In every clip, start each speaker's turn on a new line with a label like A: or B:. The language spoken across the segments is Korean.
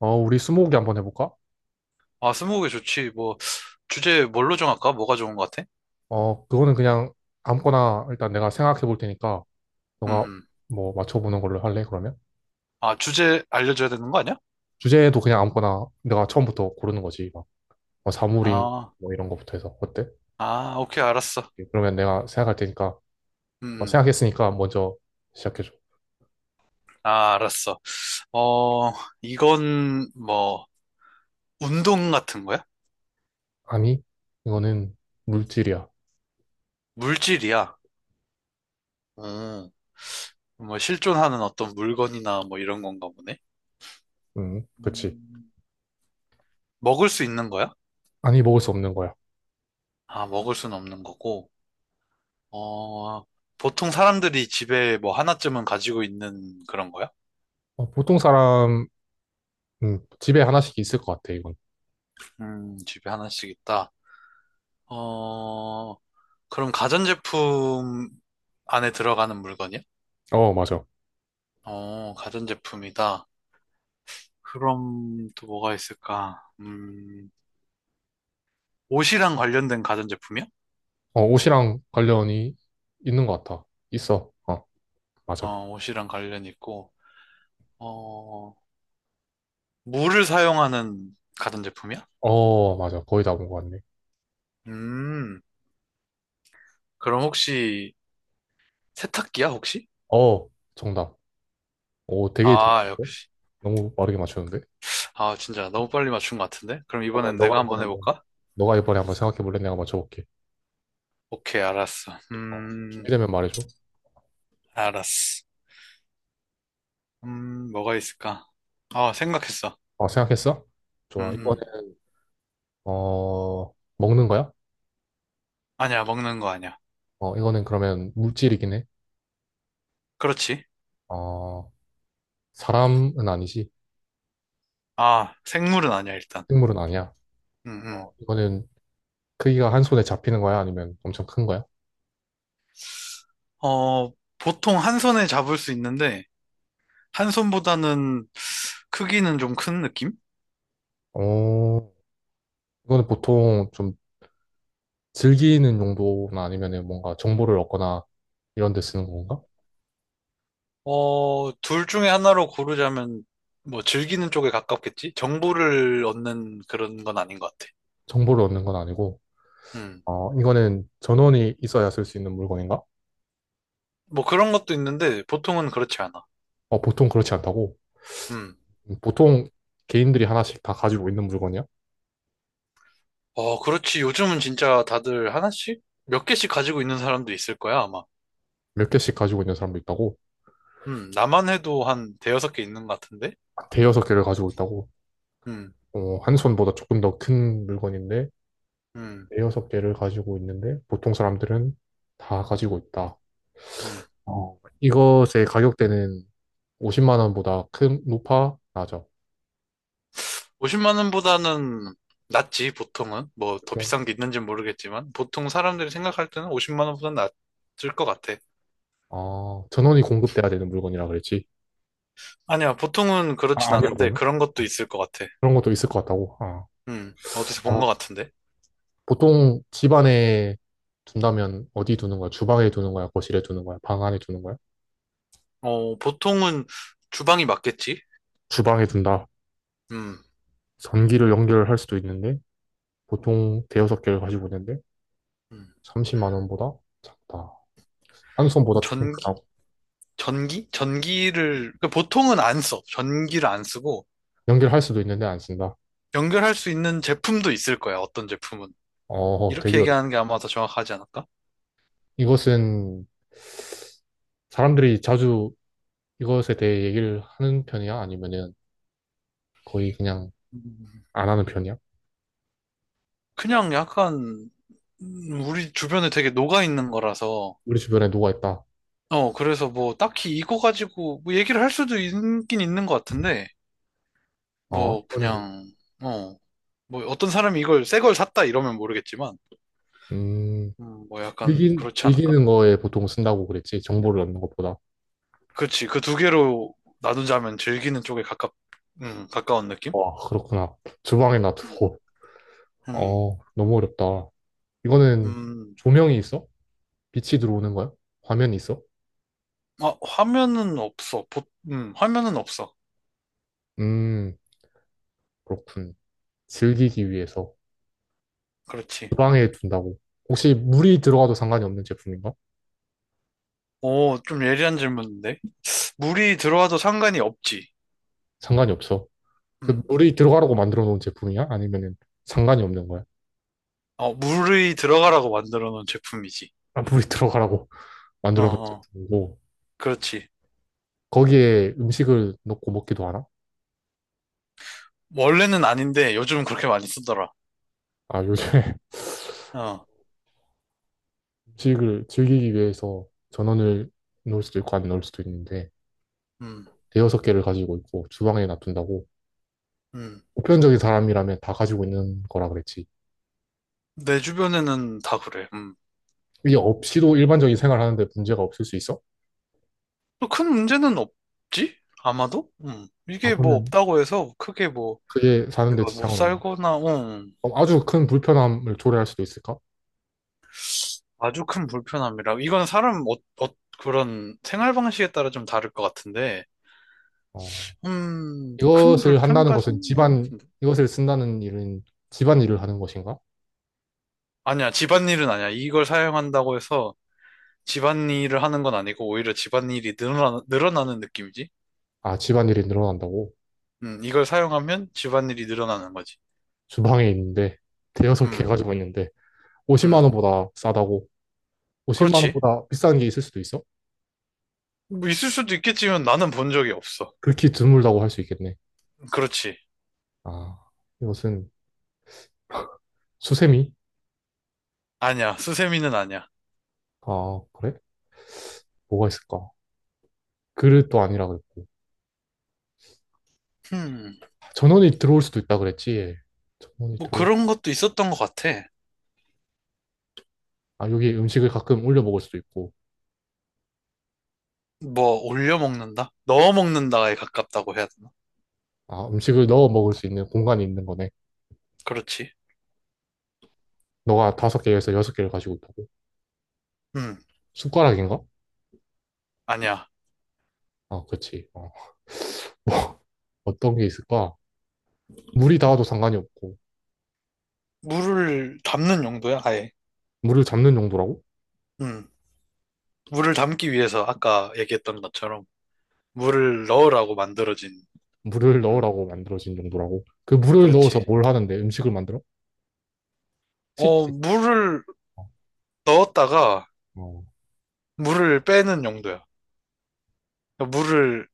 A: 어, 우리 스무고개 한번 해볼까?
B: 아, 스무고개 좋지. 뭐, 주제 뭘로 정할까? 뭐가 좋은 것 같아?
A: 어, 그거는 그냥 아무거나 일단 내가 생각해 볼 테니까
B: 음,
A: 너가
B: 음.
A: 뭐 맞춰보는 걸로 할래, 그러면?
B: 아, 주제 알려줘야 되는 거 아니야?
A: 주제도 그냥 아무거나 내가 처음부터 고르는 거지. 막, 뭐 사물인
B: 아,
A: 뭐 이런 거부터 해서. 어때?
B: 아, 오케이, 알았어.
A: 그러면 내가 생각할 테니까,
B: 음,
A: 뭐
B: 음.
A: 생각했으니까 먼저 시작해줘.
B: 아, 알았어. 어, 이건 뭐, 운동 같은 거야?
A: 아니, 이거는 물질이야.
B: 물질이야. 음, 뭐, 실존하는 어떤 물건이나 뭐 이런 건가 보네.
A: 그치.
B: 음, 먹을 수 있는 거야?
A: 아니, 먹을 수 없는 거야.
B: 아, 먹을 수는 없는 거고. 어, 보통 사람들이 집에 뭐 하나쯤은 가지고 있는 그런 거야?
A: 어, 보통 사람, 집에 하나씩 있을 것 같아, 이건.
B: 집에 하나씩 있다. 어, 그럼 가전제품 안에 들어가는 물건이야?
A: 어, 맞아.
B: 어, 가전제품이다. 그럼 또 뭐가 있을까? 옷이랑 관련된 가전제품이야?
A: 어, 옷이랑 관련이 있는 것 같아. 있어. 어, 맞아.
B: 어, 옷이랑 관련 있고, 어, 물을 사용하는 가전제품이야?
A: 어, 맞아. 거의 다 본 것 같네.
B: 음, 그럼 혹시 세탁기야, 혹시?
A: 어, 정답. 오, 되게
B: 아, 역-
A: 잘하는데? 너무 빠르게 맞추는데?
B: 아, 진짜 너무 빨리 맞춘 것 같은데? 그럼
A: 그러면
B: 이번엔 내가
A: 너가 이번에
B: 한번
A: 한번,
B: 해볼까?
A: 너가 이번에 한번 생각해볼래? 내가 맞춰볼게.
B: 오케이, 알았어.
A: 어, 준비되면 말해줘.
B: 알았어. 뭐가 있을까? 아, 생각했어.
A: 어, 생각했어?
B: 음,
A: 좋아.
B: 음.
A: 이거는, 어, 먹는 거야?
B: 아니야, 먹는 거 아니야.
A: 어, 이거는 그러면 물질이긴 해.
B: 그렇지.
A: 어, 사람은 아니지.
B: 아, 생물은 아니야, 일단.
A: 생물은 아니야.
B: 음, 음.
A: 어, 이거는 크기가 한 손에 잡히는 거야? 아니면 엄청 큰 거야?
B: 어, 보통 한 손에 잡을 수 있는데, 한 손보다는 크기는 좀 큰 느낌?
A: 어, 이거는 보통 좀 즐기는 용도나 아니면은 뭔가 정보를 얻거나 이런 데 쓰는 건가?
B: 어, 둘 중에 하나로 고르자면, 뭐, 즐기는 쪽에 가깝겠지? 정보를 얻는 그런 건 아닌 것 같아.
A: 정보를 얻는 건 아니고,
B: 음.
A: 어, 이거는 전원이 있어야 쓸 수 있는 물건인가?
B: 뭐 그런 것도 있는데, 보통은 그렇지 않아.
A: 어, 보통 그렇지 않다고.
B: 음.
A: 보통 개인들이 하나씩 다 가지고 있는 물건이야?
B: 어, 그렇지. 요즘은 진짜 다들 하나씩? 몇 개씩 가지고 있는 사람도 있을 거야, 아마.
A: 몇 개씩 가지고 있는 사람도 있다고?
B: 나만 해도 한 대여섯 개 있는 것 같은데?
A: 대여섯 개를 가지고 있다고?
B: 음,
A: 어, 한 손보다 조금 더 큰 물건인데,
B: 음,
A: 대여섯 개를 가지고 있는데, 보통 사람들은 다 가지고 있다.
B: 음.
A: 어, 이것의 가격대는 50만 원보다 큰, 높아, 낮아.
B: 50만 원보다는 낫지, 보통은. 뭐, 더
A: 보통.
B: 비싼 게 있는지는 모르겠지만, 보통 사람들이 생각할 때는 50만 원보다는 낫을 것 같아.
A: 아, 전원이 공급돼야 되는 물건이라 그랬지.
B: 아니야, 보통은
A: 아,
B: 그렇진
A: 아니라고
B: 않은데,
A: 했네.
B: 그런 것도
A: 어,
B: 있을 것 같아.
A: 그런 것도 있을 것 같다고. 아.
B: 어디서
A: 아,
B: 본 것 같은데?
A: 보통 집 안에 둔다면 어디 두는 거야? 주방에 두는 거야? 거실에 두는 거야? 방 안에 두는 거야?
B: 어, 보통은 주방이 맞겠지?
A: 주방에 둔다.
B: 음,
A: 전기를 연결할 수도 있는데 보통 대여섯 개를 가지고 있는데
B: 음.
A: 30만 원보다 작다. 한 손보다 조금
B: 전기?
A: 크다고.
B: 전기? 전기를, 그러니까 보통은 안 써. 전기를 안 쓰고,
A: 연결할 수도 있는데 안 쓴다.
B: 연결할 수 있는 제품도 있을 거야, 어떤 제품은.
A: 어,
B: 이렇게
A: 되게 어렵.
B: 얘기하는 게 아마 더 정확하지 않을까?
A: 이것은 사람들이 자주 이것에 대해 얘기를 하는 편이야? 아니면은 거의 그냥
B: 음.
A: 안 하는 편이야?
B: 그냥 약간 우리 주변에 되게 녹아 있는 거라서
A: 우리 주변에 누가 있다.
B: 어, 그래서 뭐 딱히 이거 가지고 뭐 얘기를 할 수도 있긴 있는 것 같은데
A: 어,
B: 뭐
A: 이거는
B: 그냥, 어, 뭐 어떤 사람이 이걸 새 걸 샀다 이러면 모르겠지만
A: 음,
B: 뭐 약간 그렇지 않을까?
A: 즐기는 거에 보통 쓴다고 그랬지. 정보를 얻는 것보다.
B: 그치. 그 두 개로 나누자면 즐기는 쪽에 가깝, 가까운 느낌?
A: 와, 그렇구나. 주방에
B: 음.
A: 놔두고.
B: 음,
A: 어, 너무 어렵다. 이거는
B: 음.
A: 조명이 있어? 빛이 들어오는 거야? 화면이 있어?
B: 아, 화면은 없어. 화면은 없어.
A: 음, 그렇군. 즐기기 위해서
B: 그렇지.
A: 주방에 둔다고. 혹시 물이 들어가도 상관이 없는 제품인가?
B: 오, 좀 예리한 질문인데. 물이 들어와도 상관이 없지.
A: 상관이 없어. 그
B: 음.
A: 물이 들어가라고 만들어 놓은 제품이야? 아니면은 상관이 없는 거야?
B: 어, 물이 들어가라고 만들어 놓은 제품이지.
A: 아, 물이 들어가라고
B: 어,
A: 만들어 놓은
B: 어.
A: 제품이고.
B: 그렇지.
A: 거기에 음식을 넣고 먹기도 하나?
B: 원래는 아닌데 요즘은 그렇게 많이 쓰더라.
A: 아, 요즘에
B: 어,
A: 음식을 즐기기 위해서 전원을 넣을 수도 있고 안 넣을 수도 있는데.
B: 음,
A: 대여섯 개를 가지고 있고 주방에 놔둔다고
B: 음.
A: 보편적인 사람이라면 다 가지고 있는 거라 그랬지.
B: 내 주변에는 다 그래. 음.
A: 이게 없이도 일반적인 생활하는데 문제가 없을 수 있어?
B: 또큰 문제는 없지? 아마도? 음.
A: 아,
B: 이게 뭐
A: 그러면
B: 없다고 해서 크게 뭐
A: 그게 사는데
B: 그거 못
A: 지장은 없네.
B: 살거나, 어,
A: 그럼 아주 큰 불편함을 초래할 수도 있을까?
B: 아주 큰 불편함이라. 이건 사람, 어, 어, 그런 생활 방식에 따라 좀 다를 것 같은데,
A: 어.
B: 큰
A: 이것을 한다는 것은
B: 불편까지는 아닌 것
A: 집안,
B: 같은데.
A: 이것을 쓴다는 일은 집안일을 하는 것인가?
B: 아니야, 집안일은 아니야. 이걸 사용한다고 해서 집안일을 하는 건 아니고, 오히려 집안일이 늘어나는 느낌이지.
A: 아, 집안일이 늘어난다고?
B: 이걸 사용하면 집안일이 늘어나는 거지.
A: 주방에 있는데, 대여섯 개
B: 음,
A: 가지고 있는데, 50만
B: 음.
A: 원보다 싸다고? 50만
B: 그렇지.
A: 원보다 비싼 게 있을 수도 있어?
B: 뭐 있을 수도 있겠지만 나는 본 적이 없어.
A: 극히 드물다고 할 수 있겠네.
B: 그렇지.
A: 아, 이것은 수세미?
B: 아니야, 수세미는 아니야.
A: 아, 그래? 뭐가 있을까? 그릇도 아니라 그랬고.
B: 음,
A: 전원이 들어올 수도 있다 그랬지. 예. 전원이
B: 뭐
A: 들어올,
B: 그런 것도 있었던 것 같아.
A: 아, 여기 음식을 가끔 올려 먹을 수도 있고.
B: 뭐 올려 먹는다? 넣어 먹는다에 가깝다고 해야 되나?
A: 아, 음식을 넣어 먹을 수 있는 공간이 있는 거네.
B: 그렇지.
A: 너가 다섯 개에서 여섯 개를 가지고 있다고?
B: 음,
A: 숟가락인가?
B: 아니야.
A: 아, 그렇지. 어. 어떤 게 있을까? 물이 닿아도 상관이 없고.
B: 물을 담는 용도야, 아예.
A: 물을 잡는 용도라고?
B: 음, 물을 담기 위해서 아까 얘기했던 것처럼 물을 넣으라고 만들어진,
A: 물을
B: 음,
A: 넣으라고 만들어진 용도라고? 그 물을 넣어서
B: 그렇지.
A: 뭘 하는데? 음식을 만들어?
B: 어,
A: 식식.
B: 물을 넣었다가
A: 어.
B: 물을 빼는 용도야. 물을,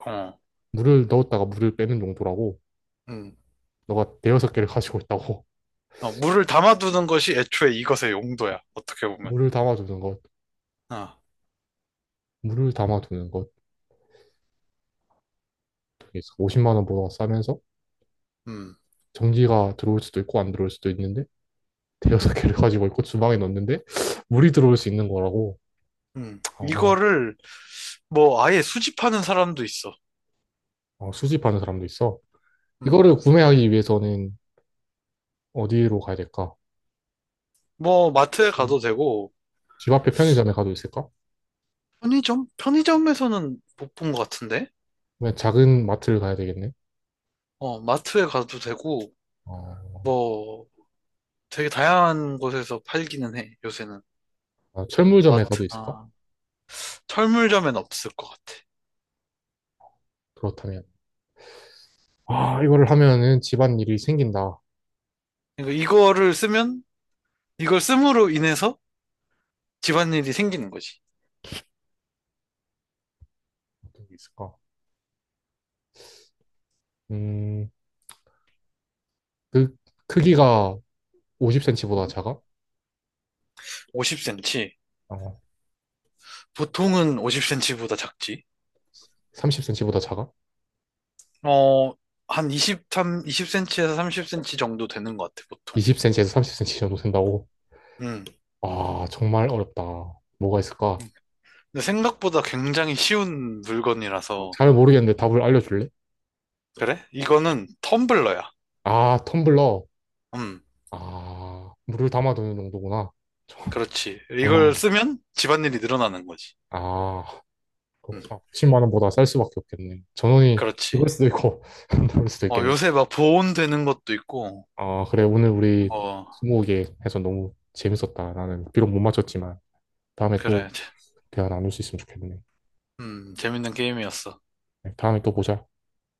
B: 어,
A: 물을 넣었다가 물을 빼는 용도라고?
B: 음,
A: 너가 대여섯 개를 가지고 있다고?
B: 어, 물을 담아두는 것이 애초에 이것의 용도야, 어떻게 보면.
A: 물을 담아주는 것.
B: 아,
A: 물을 담아두는 것 그게 50만 원보다 싸면서
B: 음,
A: 전기가 들어올 수도 있고 안 들어올 수도 있는데 대여섯 개를 가지고 있고 주방에 넣는데 물이 들어올 수 있는 거라고 어, 어,
B: 이거를 뭐 아예 수집하는 사람도 있어.
A: 어, 수집하는 사람도 있어.
B: 음,
A: 이거를 구매하기 위해서는 어디로 가야 될까?
B: 뭐 마트에
A: 글쎄,
B: 가도 되고
A: 집 앞에 편의점에 가도 있을까?
B: 편의점? 편의점에서는 못 본 것 같은데?
A: 그냥 작은 마트를 가야 되겠네.
B: 어, 마트에 가도 되고
A: 어,
B: 뭐 되게 다양한 곳에서 팔기는 해, 요새는.
A: 아, 철물점에 가도 있을까?
B: 마트나 철물점엔 없을 것 같아.
A: 그렇다면 아 이거를 하면은 집안일이 생긴다.
B: 그러니까 이거를 쓰면 이걸 씀으로 인해서 집안일이 생기는 거지.
A: 어떤 게 있을까? 음, 그 크기가 50cm보다
B: 음,
A: 작아?
B: 50cm.
A: 어,
B: 보통은 50cm보다 작지.
A: 30cm보다 작아?
B: 어, 한 23, 20cm에서 30cm 정도 되는 것 같아, 보통.
A: 20cm에서 30cm 정도 된다고?
B: 음.
A: 아, 정말 어렵다. 뭐가 있을까?
B: 근데 생각보다 굉장히 쉬운
A: 어,
B: 물건이라서
A: 잘 모르겠는데 답을 알려줄래?
B: 그래? 이거는 텀블러야.
A: 아, 텀블러.
B: 음,
A: 아, 물을 담아두는 정도구나. 정-
B: 그렇지.
A: 정말.
B: 이걸 쓰면 집안일이 늘어나는 거지.
A: 아,
B: 음,
A: 그렇구나. 10만 원보다 쌀 수밖에 없겠네. 전원이
B: 그렇지.
A: 그럴 수도 있고, 안 나올 수도
B: 어,
A: 있겠네.
B: 요새 막 보온되는 것도 있고,
A: 아, 그래. 오늘 우리
B: 어,
A: 스무고개 해서 너무 재밌었다. 나는 비록 못 맞췄지만 다음에 또
B: 그래.
A: 대화 나눌 수 있으면 좋겠네.
B: 재밌는 게임이었어.
A: 네, 다음에 또 보자.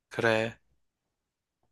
B: 그래.